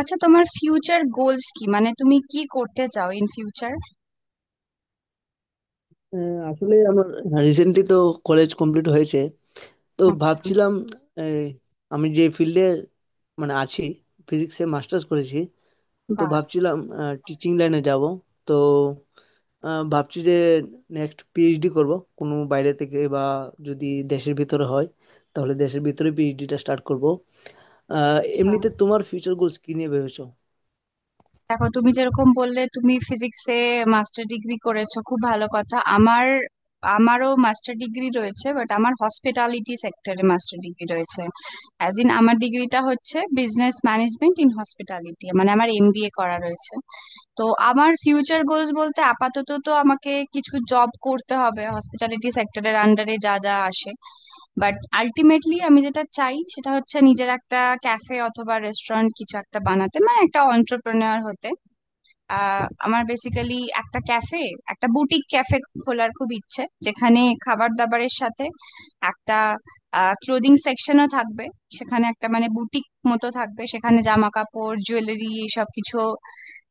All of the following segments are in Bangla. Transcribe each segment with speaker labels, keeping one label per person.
Speaker 1: আচ্ছা, তোমার ফিউচার গোলস কি? মানে তুমি কি করতে চাও ইন ফিউচার?
Speaker 2: আহ, আসলে আমার রিসেন্টলি তো কলেজ কমপ্লিট হয়েছে, তো
Speaker 1: আচ্ছা।
Speaker 2: ভাবছিলাম এই, আমি যে ফিল্ডে মানে আছি, ফিজিক্সে মাস্টার্স করেছি, তো
Speaker 1: বাহ।
Speaker 2: ভাবছিলাম টিচিং লাইনে যাব। তো ভাবছি যে নেক্সট পিএইচডি করব, কোনো বাইরে থেকে বা যদি দেশের ভিতরে হয় তাহলে দেশের ভিতরে পিএইচডিটা স্টার্ট করব।
Speaker 1: আচ্ছা,
Speaker 2: এমনিতে তোমার ফিউচার গোলস কি নিয়ে ভেবেছো?
Speaker 1: দেখো, তুমি যেরকম বললে তুমি ফিজিক্সে মাস্টার ডিগ্রি করেছো, খুব ভালো কথা। আমার, আমারও মাস্টার ডিগ্রি রয়েছে, বাট আমার হসপিটালিটি সেক্টরে মাস্টার ডিগ্রি রয়েছে। অ্যাজ ইন, আমার ডিগ্রিটা হচ্ছে বিজনেস ম্যানেজমেন্ট ইন হসপিটালিটি, মানে আমার এমবিএ করা রয়েছে। তো আমার ফিউচার গোলস বলতে, আপাতত তো আমাকে কিছু জব করতে হবে হসপিটালিটি সেক্টরের আন্ডারে যা যা আসে, বাট আলটিমেটলি আমি যেটা চাই সেটা হচ্ছে নিজের একটা ক্যাফে অথবা রেস্টুরেন্ট কিছু একটা বানাতে, মানে একটা অন্টারপ্রেনার হতে। আমার বেসিক্যালি একটা ক্যাফে, একটা বুটিক ক্যাফে খোলার খুব ইচ্ছে, যেখানে খাবার দাবারের সাথে একটা ক্লোদিং সেকশনও থাকবে। সেখানে একটা মানে বুটিক মতো থাকবে, সেখানে জামা কাপড় জুয়েলারি এসব কিছু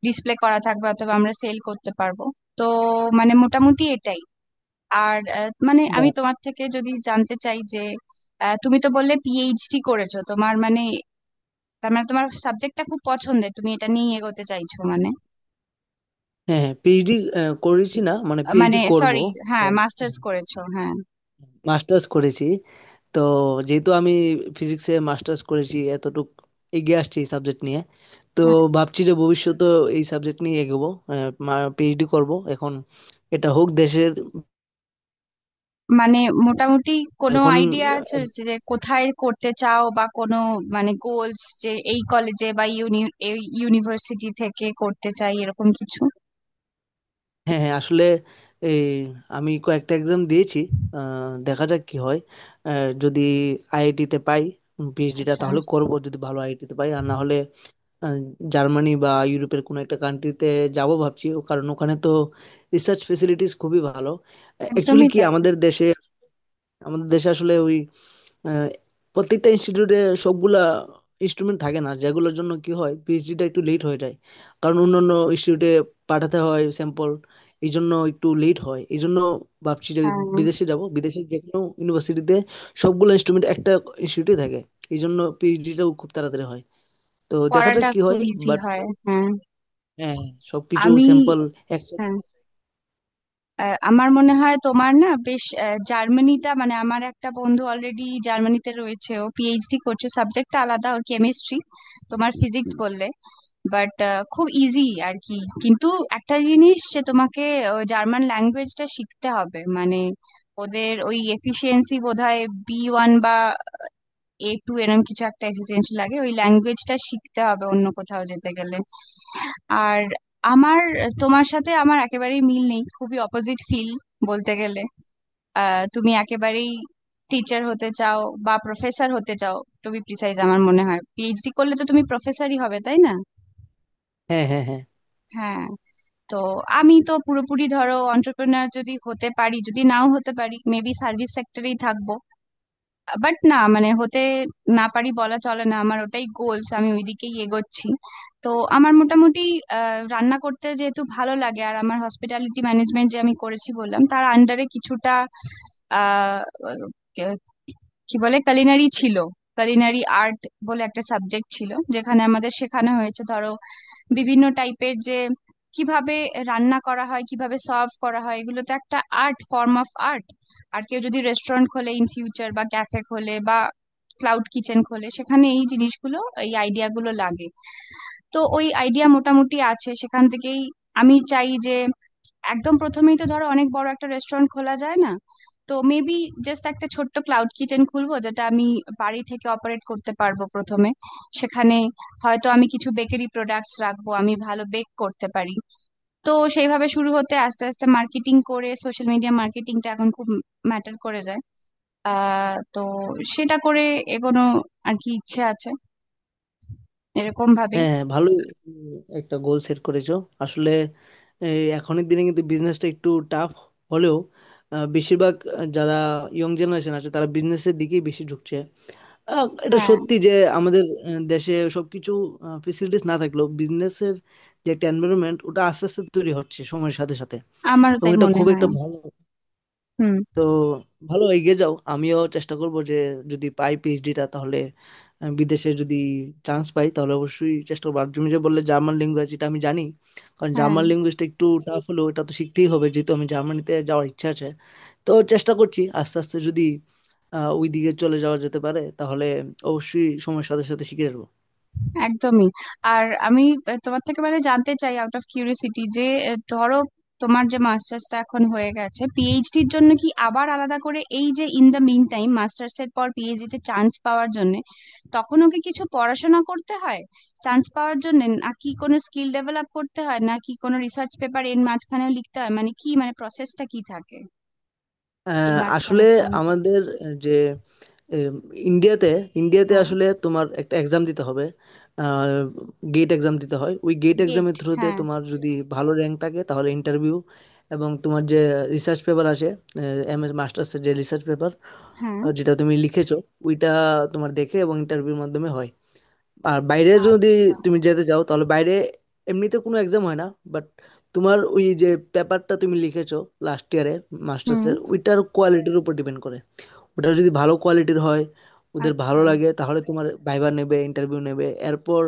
Speaker 1: ডিসপ্লে করা থাকবে অথবা আমরা সেল করতে পারবো। তো মানে মোটামুটি এটাই। আর মানে
Speaker 2: বা
Speaker 1: আমি তোমার থেকে যদি জানতে চাই যে, তুমি তো বললে পিএইচডি করেছো, তোমার মানে, তার মানে তোমার সাবজেক্টটা খুব পছন্দের, তুমি এটা নিয়ে এগোতে চাইছো মানে?
Speaker 2: হ্যাঁ হ্যাঁ, পিএইচডি করেছি না মানে পিএইচডি
Speaker 1: মানে
Speaker 2: করব।
Speaker 1: সরি, হ্যাঁ মাস্টার্স করেছো, হ্যাঁ।
Speaker 2: মাস্টার্স করেছি, তো যেহেতু আমি ফিজিক্সে মাস্টার্স করেছি, এতটুক এগিয়ে আসছি এই সাবজেক্ট নিয়ে। তো
Speaker 1: হ্যাঁ,
Speaker 2: ভাবছি যে ভবিষ্যতে এই সাবজেক্ট নিয়ে এগোবো, পিএইচডি করব এখন, এটা হোক দেশের।
Speaker 1: মানে মোটামুটি কোনো
Speaker 2: এখন
Speaker 1: আইডিয়া আছে
Speaker 2: আহ,
Speaker 1: যে কোথায় করতে চাও, বা কোনো মানে গোলস যে এই কলেজে বা ইউনিভার্সিটি থেকে করতে চাই, এরকম কিছু?
Speaker 2: হ্যাঁ হ্যাঁ, আসলে এই আমি কয়েকটা এক্সাম দিয়েছি। আহ, দেখা যাক কি হয়। যদি আইআইটিতে পাই পিএইচডিটা
Speaker 1: আচ্ছা।
Speaker 2: তাহলে করব, যদি ভালো আইআইটিতে পাই, আর না হলে আহ, জার্মানি বা ইউরোপের কোনো একটা কান্ট্রিতে যাব ভাবছি ও, কারণ ওখানে তো রিসার্চ ফেসিলিটিস খুবই ভালো। অ্যাকচুয়ালি
Speaker 1: একদমই
Speaker 2: কি
Speaker 1: তাই।
Speaker 2: আমাদের দেশে, আমাদের দেশে আসলে ওই আহ, প্রত্যেকটা ইনস্টিটিউটে সবগুলা ইনস্ট্রুমেন্ট থাকে না, যেগুলোর জন্য কি হয় পিএইচডিটা একটু লেট হয়ে যায়। কারণ অন্যান্য ইনস্টিটিউটে পাঠাতে হয় স্যাম্পল, এই জন্য একটু লেট হয়। এই জন্য ভাবছি যে
Speaker 1: হ্যাঁ,
Speaker 2: বিদেশে যাব, বিদেশে যে কোনো ইউনিভার্সিটিতে সবগুলো ইনস্ট্রুমেন্ট একটা ইনস্টিটিউটে থাকে, এই জন্য পিএইচডিটাও খুব তাড়াতাড়ি হয়। তো দেখা যাক
Speaker 1: পড়াটা
Speaker 2: কি হয়।
Speaker 1: খুব ইজি
Speaker 2: বাট
Speaker 1: হয়, হ্যাঁ।
Speaker 2: হ্যাঁ, হ্যাঁ, সবকিছু
Speaker 1: আমি,
Speaker 2: স্যাম্পল একসাথে।
Speaker 1: হ্যাঁ, আমার মনে হয় তোমার না বেশ, জার্মানিটা, মানে আমার একটা বন্ধু অলরেডি জার্মানিতে রয়েছে, ও পিএইচডি করছে, সাবজেক্টটা আলাদা, ওর কেমিস্ট্রি, তোমার ফিজিক্স বললে, বাট খুব ইজি আর কি। কিন্তু একটা জিনিস যে তোমাকে জার্মান ল্যাঙ্গুয়েজটা শিখতে হবে, মানে ওদের ওই এফিসিয়েন্সি বোধহয় বি ওয়ান বা এ টু এরম কিছু একটা এফিসিয়েন্সি লাগে, ওই ল্যাঙ্গুয়েজটা শিখতে হবে অন্য কোথাও যেতে গেলে। আর আমার, তোমার সাথে আমার একেবারেই মিল নেই, খুবই অপোজিট ফিল বলতে গেলে। তুমি একেবারেই টিচার হতে চাও বা প্রফেসর হতে চাও, টু বি প্রিসাইজ আমার মনে হয় পিএইচডি করলে তো তুমি প্রফেসরই হবে, তাই না?
Speaker 2: হ্যাঁ হ্যাঁ হ্যাঁ।
Speaker 1: হ্যাঁ। তো আমি তো পুরোপুরি ধরো অন্টারপ্রেনার যদি হতে পারি, যদি নাও হতে পারি মেবি সার্ভিস সেক্টরেই থাকবো। বাট না মানে হতে না পারি বলা চলে না, আমার ওটাই গোলস, আমি ওইদিকেই এগোচ্ছি। তো আমার মোটামুটি, রান্না করতে যেহেতু ভালো লাগে, আর আমার হসপিটালিটি ম্যানেজমেন্ট যে আমি করেছি বললাম, তার আন্ডারে কিছুটা আহ কে- কি বলে, কালিনারি ছিল, কালিনারি আর্ট বলে একটা সাবজেক্ট ছিল, যেখানে আমাদের শেখানো হয়েছে ধরো বিভিন্ন টাইপের যে কিভাবে রান্না করা হয়, কিভাবে সার্ভ করা হয়, এগুলো তো একটা আর্ট, ফর্ম অফ আর্ট। আর কেউ যদি রেস্টুরেন্ট খোলে ইন ফিউচার, বা ক্যাফে খোলে, বা ক্লাউড কিচেন খোলে, সেখানে এই জিনিসগুলো, এই আইডিয়া গুলো লাগে। তো ওই আইডিয়া মোটামুটি আছে সেখান থেকেই। আমি চাই যে একদম প্রথমেই তো ধরো অনেক বড় একটা রেস্টুরেন্ট খোলা যায় না, তো মেবি জাস্ট একটা ছোট্ট ক্লাউড কিচেন খুলবো যেটা আমি বাড়ি থেকে অপারেট করতে পারবো প্রথমে। সেখানে হয়তো আমি কিছু বেকারি প্রোডাক্টস রাখবো, আমি ভালো বেক করতে পারি। তো সেইভাবে শুরু হতে আস্তে আস্তে মার্কেটিং করে, সোশ্যাল মিডিয়া মার্কেটিংটা এখন খুব ম্যাটার করে যায়। আহ, তো সেটা করে এগোনো আর কি ইচ্ছে আছে এরকম ভাবেই।
Speaker 2: হ্যাঁ হ্যাঁ, ভালোই উম, একটা গোল সেট করেছো আসলে। এই এখনের দিনে কিন্তু বিজনেসটা একটু টাফ হলেও বেশিরভাগ যারা ইয়ং জেনারেশন আছে তারা বিজনেসের দিকেই বেশি ঝুঁকছে। এটা
Speaker 1: হ্যাঁ।
Speaker 2: সত্যি যে আমাদের দেশে সবকিছু ফেসিলিটিস না থাকলেও বিজনেসের যে একটা এনভায়রনমেন্ট ওটা আস্তে আস্তে তৈরি হচ্ছে সময়ের সাথে সাথে,
Speaker 1: আমারও
Speaker 2: এবং
Speaker 1: তাই
Speaker 2: এটা
Speaker 1: মনে
Speaker 2: খুব একটা
Speaker 1: হয়।
Speaker 2: ভালো।
Speaker 1: হুম।
Speaker 2: তো ভালো এগিয়ে যাও, আমিও চেষ্টা করব যে যদি পাই পিএইচডিটা, তাহলে বিদেশে যদি চান্স পাই তাহলে অবশ্যই চেষ্টা করবো। আর তুমি যে বললে জার্মান ল্যাঙ্গুয়েজ, এটা আমি জানি, কারণ
Speaker 1: হ্যাঁ,
Speaker 2: জার্মান ল্যাঙ্গুয়েজটা একটু টাফ হলেও এটা তো শিখতেই হবে, যেহেতু আমি জার্মানিতে যাওয়ার ইচ্ছা আছে। তো চেষ্টা করছি আস্তে আস্তে, যদি আহ ওই দিকে চলে যাওয়া যেতে পারে তাহলে অবশ্যই সময়ের সাথে সাথে শিখে যাবো।
Speaker 1: একদমই। আর আমি তোমার থেকে মানে জানতে চাই আউট অফ কিউরিসিটি যে, ধরো তোমার যে মাস্টার্সটা এখন হয়ে গেছে, পিএইচডির জন্য কি আবার আলাদা করে, এই যে in the mean time masters এর পর পিএইচডি তে চান্স পাওয়ার জন্য তখনও কি কিছু পড়াশোনা করতে হয় চান্স পাওয়ার জন্য, নাকি কোনো স্কিল ডেভেলপ করতে হয়, নাকি কোনো রিসার্চ পেপার এর মাঝখানেও লিখতে হয়, মানে কি মানে প্রসেসটা কি থাকে এই
Speaker 2: আসলে
Speaker 1: মাঝখানের টাইমটা?
Speaker 2: আমাদের যে এম, ইন্ডিয়াতে ইন্ডিয়াতে
Speaker 1: হ্যাঁ।
Speaker 2: আসলে তোমার একটা এক্সাম দিতে হবে, গেট এক্সাম দিতে হয়। ওই গেট
Speaker 1: গেট,
Speaker 2: এক্সামের থ্রুতে
Speaker 1: হ্যাঁ।
Speaker 2: তোমার যদি ভালো র্যাঙ্ক থাকে তাহলে ইন্টারভিউ, এবং তোমার যে রিসার্চ পেপার আসে, এম এস মাস্টার্সের যে রিসার্চ পেপার
Speaker 1: হ্যাঁ।
Speaker 2: যেটা তুমি লিখেছো, ওইটা তোমার দেখে এবং ইন্টারভিউর মাধ্যমে হয়। আর বাইরে যদি
Speaker 1: আচ্ছা।
Speaker 2: তুমি যেতে চাও, তাহলে বাইরে এমনিতে কোনো এক্সাম হয় না, বাট তোমার ওই যে পেপারটা তুমি লিখেছো লাস্ট ইয়ারে
Speaker 1: হুম।
Speaker 2: মাস্টার্সের, ওইটার কোয়ালিটির উপর ডিপেন্ড করে। ওটা যদি ভালো কোয়ালিটির হয়, ওদের ভালো
Speaker 1: আচ্ছা।
Speaker 2: লাগে, তাহলে তোমার ভাইবা নেবে, ইন্টারভিউ নেবে। এরপর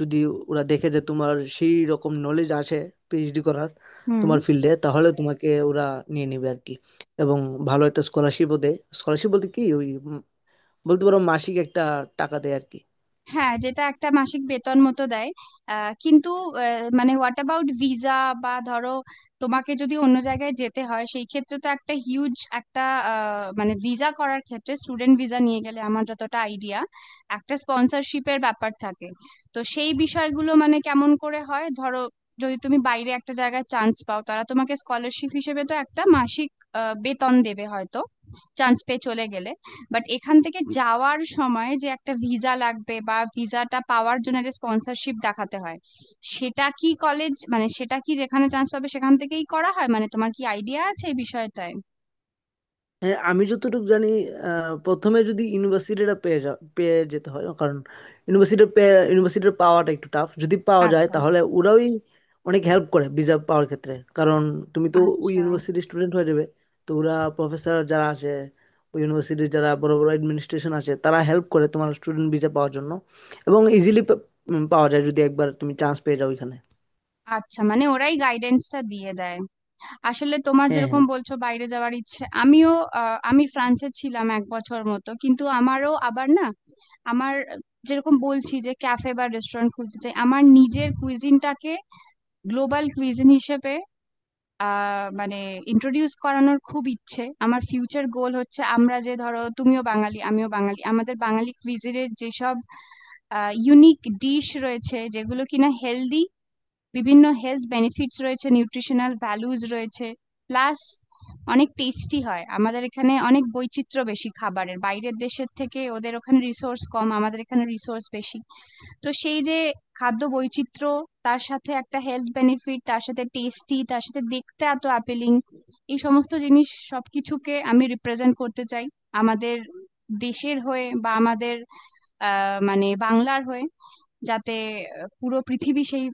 Speaker 2: যদি ওরা দেখে যে তোমার সেই রকম নলেজ আছে পিএইচডি করার,
Speaker 1: হুম।
Speaker 2: তোমার ফিল্ডে, তাহলে তোমাকে ওরা নিয়ে নেবে আর কি। এবং ভালো একটা স্কলারশিপও দেয়। স্কলারশিপ বলতে কি, ওই বলতে পারো মাসিক একটা টাকা দেয় আর কি।
Speaker 1: হ্যাঁ, যেটা একটা মাসিক বেতন মতো দেয়। কিন্তু মানে হোয়াট অ্যাবাউট ভিসা? বা ধরো তোমাকে যদি অন্য জায়গায় যেতে হয় সেই ক্ষেত্রে তো একটা হিউজ একটা, মানে ভিসা করার ক্ষেত্রে স্টুডেন্ট ভিসা নিয়ে গেলে আমার যতটা আইডিয়া একটা স্পন্সরশিপের ব্যাপার থাকে। তো সেই বিষয়গুলো মানে কেমন করে হয়, ধরো যদি তুমি বাইরে একটা জায়গায় চান্স পাও, তারা তোমাকে স্কলারশিপ হিসেবে তো একটা মাসিক বেতন দেবে হয়তো, চান্স পেয়ে চলে গেলে। বাট এখান থেকে যাওয়ার সময় যে একটা ভিসা লাগবে, বা ভিসাটা পাওয়ার জন্য একটা স্পন্সরশিপ দেখাতে হয়, সেটা কি কলেজ, মানে সেটা কি যেখানে চান্স পাবে সেখান থেকেই করা হয়? মানে তোমার কি আইডিয়া আছে এই বিষয়টায়?
Speaker 2: হ্যাঁ, আমি যতটুকু জানি, প্রথমে যদি ইউনিভার্সিটিটা পেয়ে যেতে হয়, কারণ ইউনিভার্সিটি ইউনিভার্সিটি পাওয়াটা একটু টাফ, যদি পাওয়া যায়
Speaker 1: আচ্ছা।
Speaker 2: তাহলে ওরাই অনেক হেল্প করে ভিসা পাওয়ার ক্ষেত্রে, কারণ তুমি তো ওই
Speaker 1: আচ্ছা।
Speaker 2: ইউনিভার্সিটির স্টুডেন্ট হয়ে যাবে। তো ওরা প্রফেসর যারা আছে, ওই ইউনিভার্সিটির যারা বড় বড় অ্যাডমিনিস্ট্রেশন আছে, তারা হেল্প করে তোমার স্টুডেন্ট ভিসা পাওয়ার জন্য, এবং ইজিলি পাওয়া যায় যদি একবার তুমি চান্স পেয়ে যাও ওইখানে।
Speaker 1: আচ্ছা, মানে ওরাই গাইডেন্সটা দিয়ে দেয়। আসলে তোমার
Speaker 2: হ্যাঁ
Speaker 1: যেরকম
Speaker 2: হ্যাঁ
Speaker 1: বলছো বাইরে যাওয়ার ইচ্ছে, আমিও আমি ফ্রান্সে ছিলাম 1 বছর মতো, কিন্তু আমারও আবার না, আমার যেরকম বলছি যে ক্যাফে বা রেস্টুরেন্ট খুলতে চাই, আমার নিজের কুইজিনটাকে গ্লোবাল কুইজিন হিসেবে আহ মানে ইন্ট্রোডিউস করানোর খুব ইচ্ছে। আমার ফিউচার গোল হচ্ছে আমরা যে ধরো তুমিও বাঙালি আমিও বাঙালি, আমাদের বাঙালি কুইজিনের যেসব ইউনিক ডিশ রয়েছে যেগুলো কিনা হেলদি, বিভিন্ন হেলথ বেনিফিটস রয়েছে, নিউট্রিশনাল ভ্যালুজ রয়েছে, প্লাস অনেক টেস্টি হয়, আমাদের এখানে অনেক বৈচিত্র্য বেশি খাবারের, বাইরের দেশের থেকে ওদের ওখানে রিসোর্স কম, আমাদের এখানে রিসোর্স বেশি। তো সেই যে খাদ্য বৈচিত্র্য, তার সাথে একটা হেলথ বেনিফিট, তার সাথে টেস্টি, তার সাথে দেখতে এত অ্যাপিলিং, এই সমস্ত জিনিস সবকিছুকে আমি রিপ্রেজেন্ট করতে চাই আমাদের দেশের হয়ে, বা আমাদের আহ মানে বাংলার হয়ে, যাতে পুরো পৃথিবী সেই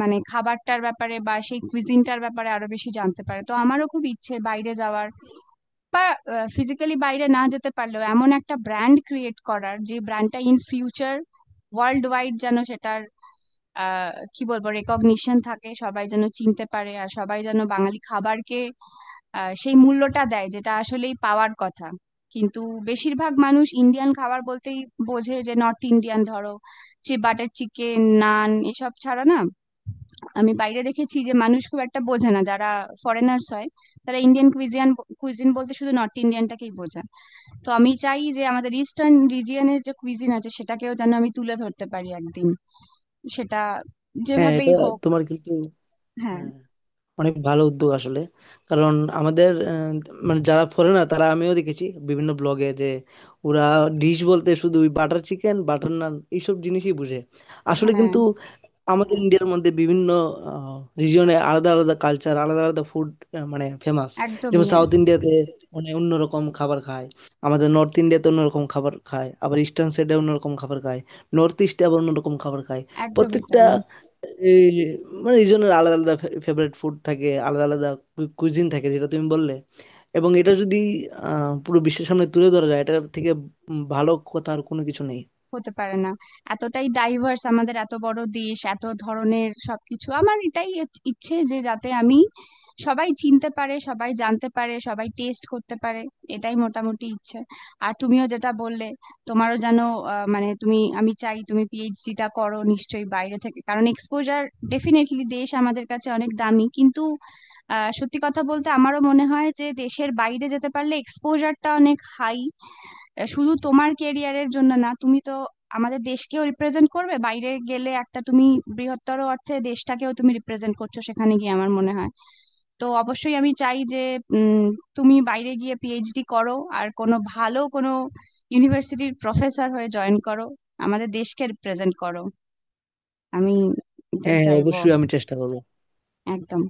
Speaker 1: মানে খাবারটার ব্যাপারে বা সেই কুইজিনটার ব্যাপারে আরো বেশি জানতে পারে। তো আমারও খুব ইচ্ছে বাইরে যাওয়ার, বা ফিজিক্যালি বাইরে না যেতে পারলেও এমন একটা ব্র্যান্ড ক্রিয়েট করার, যে ব্র্যান্ডটা ইন ফিউচার ওয়ার্ল্ড ওয়াইড যেন, সেটার কি বলবো, রেকগনিশন থাকে, সবাই যেন চিনতে পারে, আর সবাই যেন বাঙালি খাবারকে সেই মূল্যটা দেয় যেটা আসলেই পাওয়ার কথা। কিন্তু বেশিরভাগ মানুষ ইন্ডিয়ান খাবার বলতেই বোঝে যে নর্থ ইন্ডিয়ান, ধরো যে বাটার চিকেন নান এসব ছাড়া না। আমি বাইরে দেখেছি যে মানুষ খুব একটা বোঝে না যারা ফরেনার্স হয়, তারা ইন্ডিয়ান কুইজিন বলতে শুধু নর্থ ইন্ডিয়ানটাকেই বোঝে। তো আমি চাই যে আমাদের ইস্টার্ন রিজিয়নের যে কুইজিন আছে সেটাকেও যেন আমি তুলে ধরতে পারি একদিন, সেটা
Speaker 2: হ্যাঁ,
Speaker 1: যেভাবেই
Speaker 2: এটা
Speaker 1: হোক।
Speaker 2: তোমার কিন্তু
Speaker 1: হ্যাঁ।
Speaker 2: হ্যাঁ অনেক ভালো উদ্যোগ আসলে। কারণ আমাদের মানে যারা ফরেনার, তারা আমিও দেখেছি বিভিন্ন ব্লগে যে ওরা ডিশ বলতে শুধু বাটার চিকেন, বাটার নান, এইসব জিনিসই বুঝে। আসলে
Speaker 1: হ্যাঁ।
Speaker 2: কিন্তু আমাদের ইন্ডিয়ার মধ্যে বিভিন্ন রিজিয়নে আলাদা আলাদা কালচার, আলাদা আলাদা ফুড, মানে ফেমাস। যেমন
Speaker 1: একদমই।
Speaker 2: সাউথ ইন্ডিয়াতে মানে অন্যরকম খাবার খায়, আমাদের নর্থ ইন্ডিয়াতে অন্যরকম খাবার খায়, আবার ইস্টার্ন সাইডে অন্যরকম খাবার খায়, নর্থ ইস্টে আবার অন্যরকম খাবার খায়।
Speaker 1: একদমই
Speaker 2: প্রত্যেকটা
Speaker 1: তাই।
Speaker 2: এই মানে রিজনের আলাদা আলাদা ফেভারিট ফুড থাকে, আলাদা আলাদা কুইজিন থাকে, যেটা তুমি বললে। এবং এটা যদি পুরো বিশ্বের সামনে তুলে ধরা যায়, এটার থেকে উম ভালো কথা আর কোনো কিছু নেই।
Speaker 1: হতে পারে না, এতটাই ডাইভার্স আমাদের, এত বড় দেশ, এত ধরনের সবকিছু। আমার এটাই ইচ্ছে যে যাতে আমি, সবাই চিনতে পারে, সবাই জানতে পারে, সবাই টেস্ট করতে পারে, এটাই মোটামুটি ইচ্ছে। আর তুমিও যেটা বললে, তোমারও যেন মানে তুমি, আমি চাই তুমি পিএইচডিটা করো নিশ্চয়ই বাইরে থেকে, কারণ এক্সপোজার ডেফিনেটলি, দেশ আমাদের কাছে অনেক দামি, কিন্তু আহ সত্যি কথা বলতে আমারও মনে হয় যে দেশের বাইরে যেতে পারলে এক্সপোজারটা অনেক হাই। আহ, শুধু তোমার কেরিয়ারের জন্য না, তুমি তো আমাদের দেশকেও রিপ্রেজেন্ট করবে বাইরে গেলে, একটা তুমি বৃহত্তর অর্থে দেশটাকেও তুমি রিপ্রেজেন্ট করছো সেখানে গিয়ে, আমার মনে হয়। তো অবশ্যই আমি চাই যে উম, তুমি বাইরে গিয়ে পিএইচডি করো আর কোনো ভালো কোনো ইউনিভার্সিটির প্রফেসর হয়ে জয়েন করো, আমাদের দেশকে রিপ্রেজেন্ট করো। আমি এটাই
Speaker 2: হ্যাঁ হ্যাঁ,
Speaker 1: চাইবো।
Speaker 2: অবশ্যই আমি চেষ্টা করবো।
Speaker 1: একদম।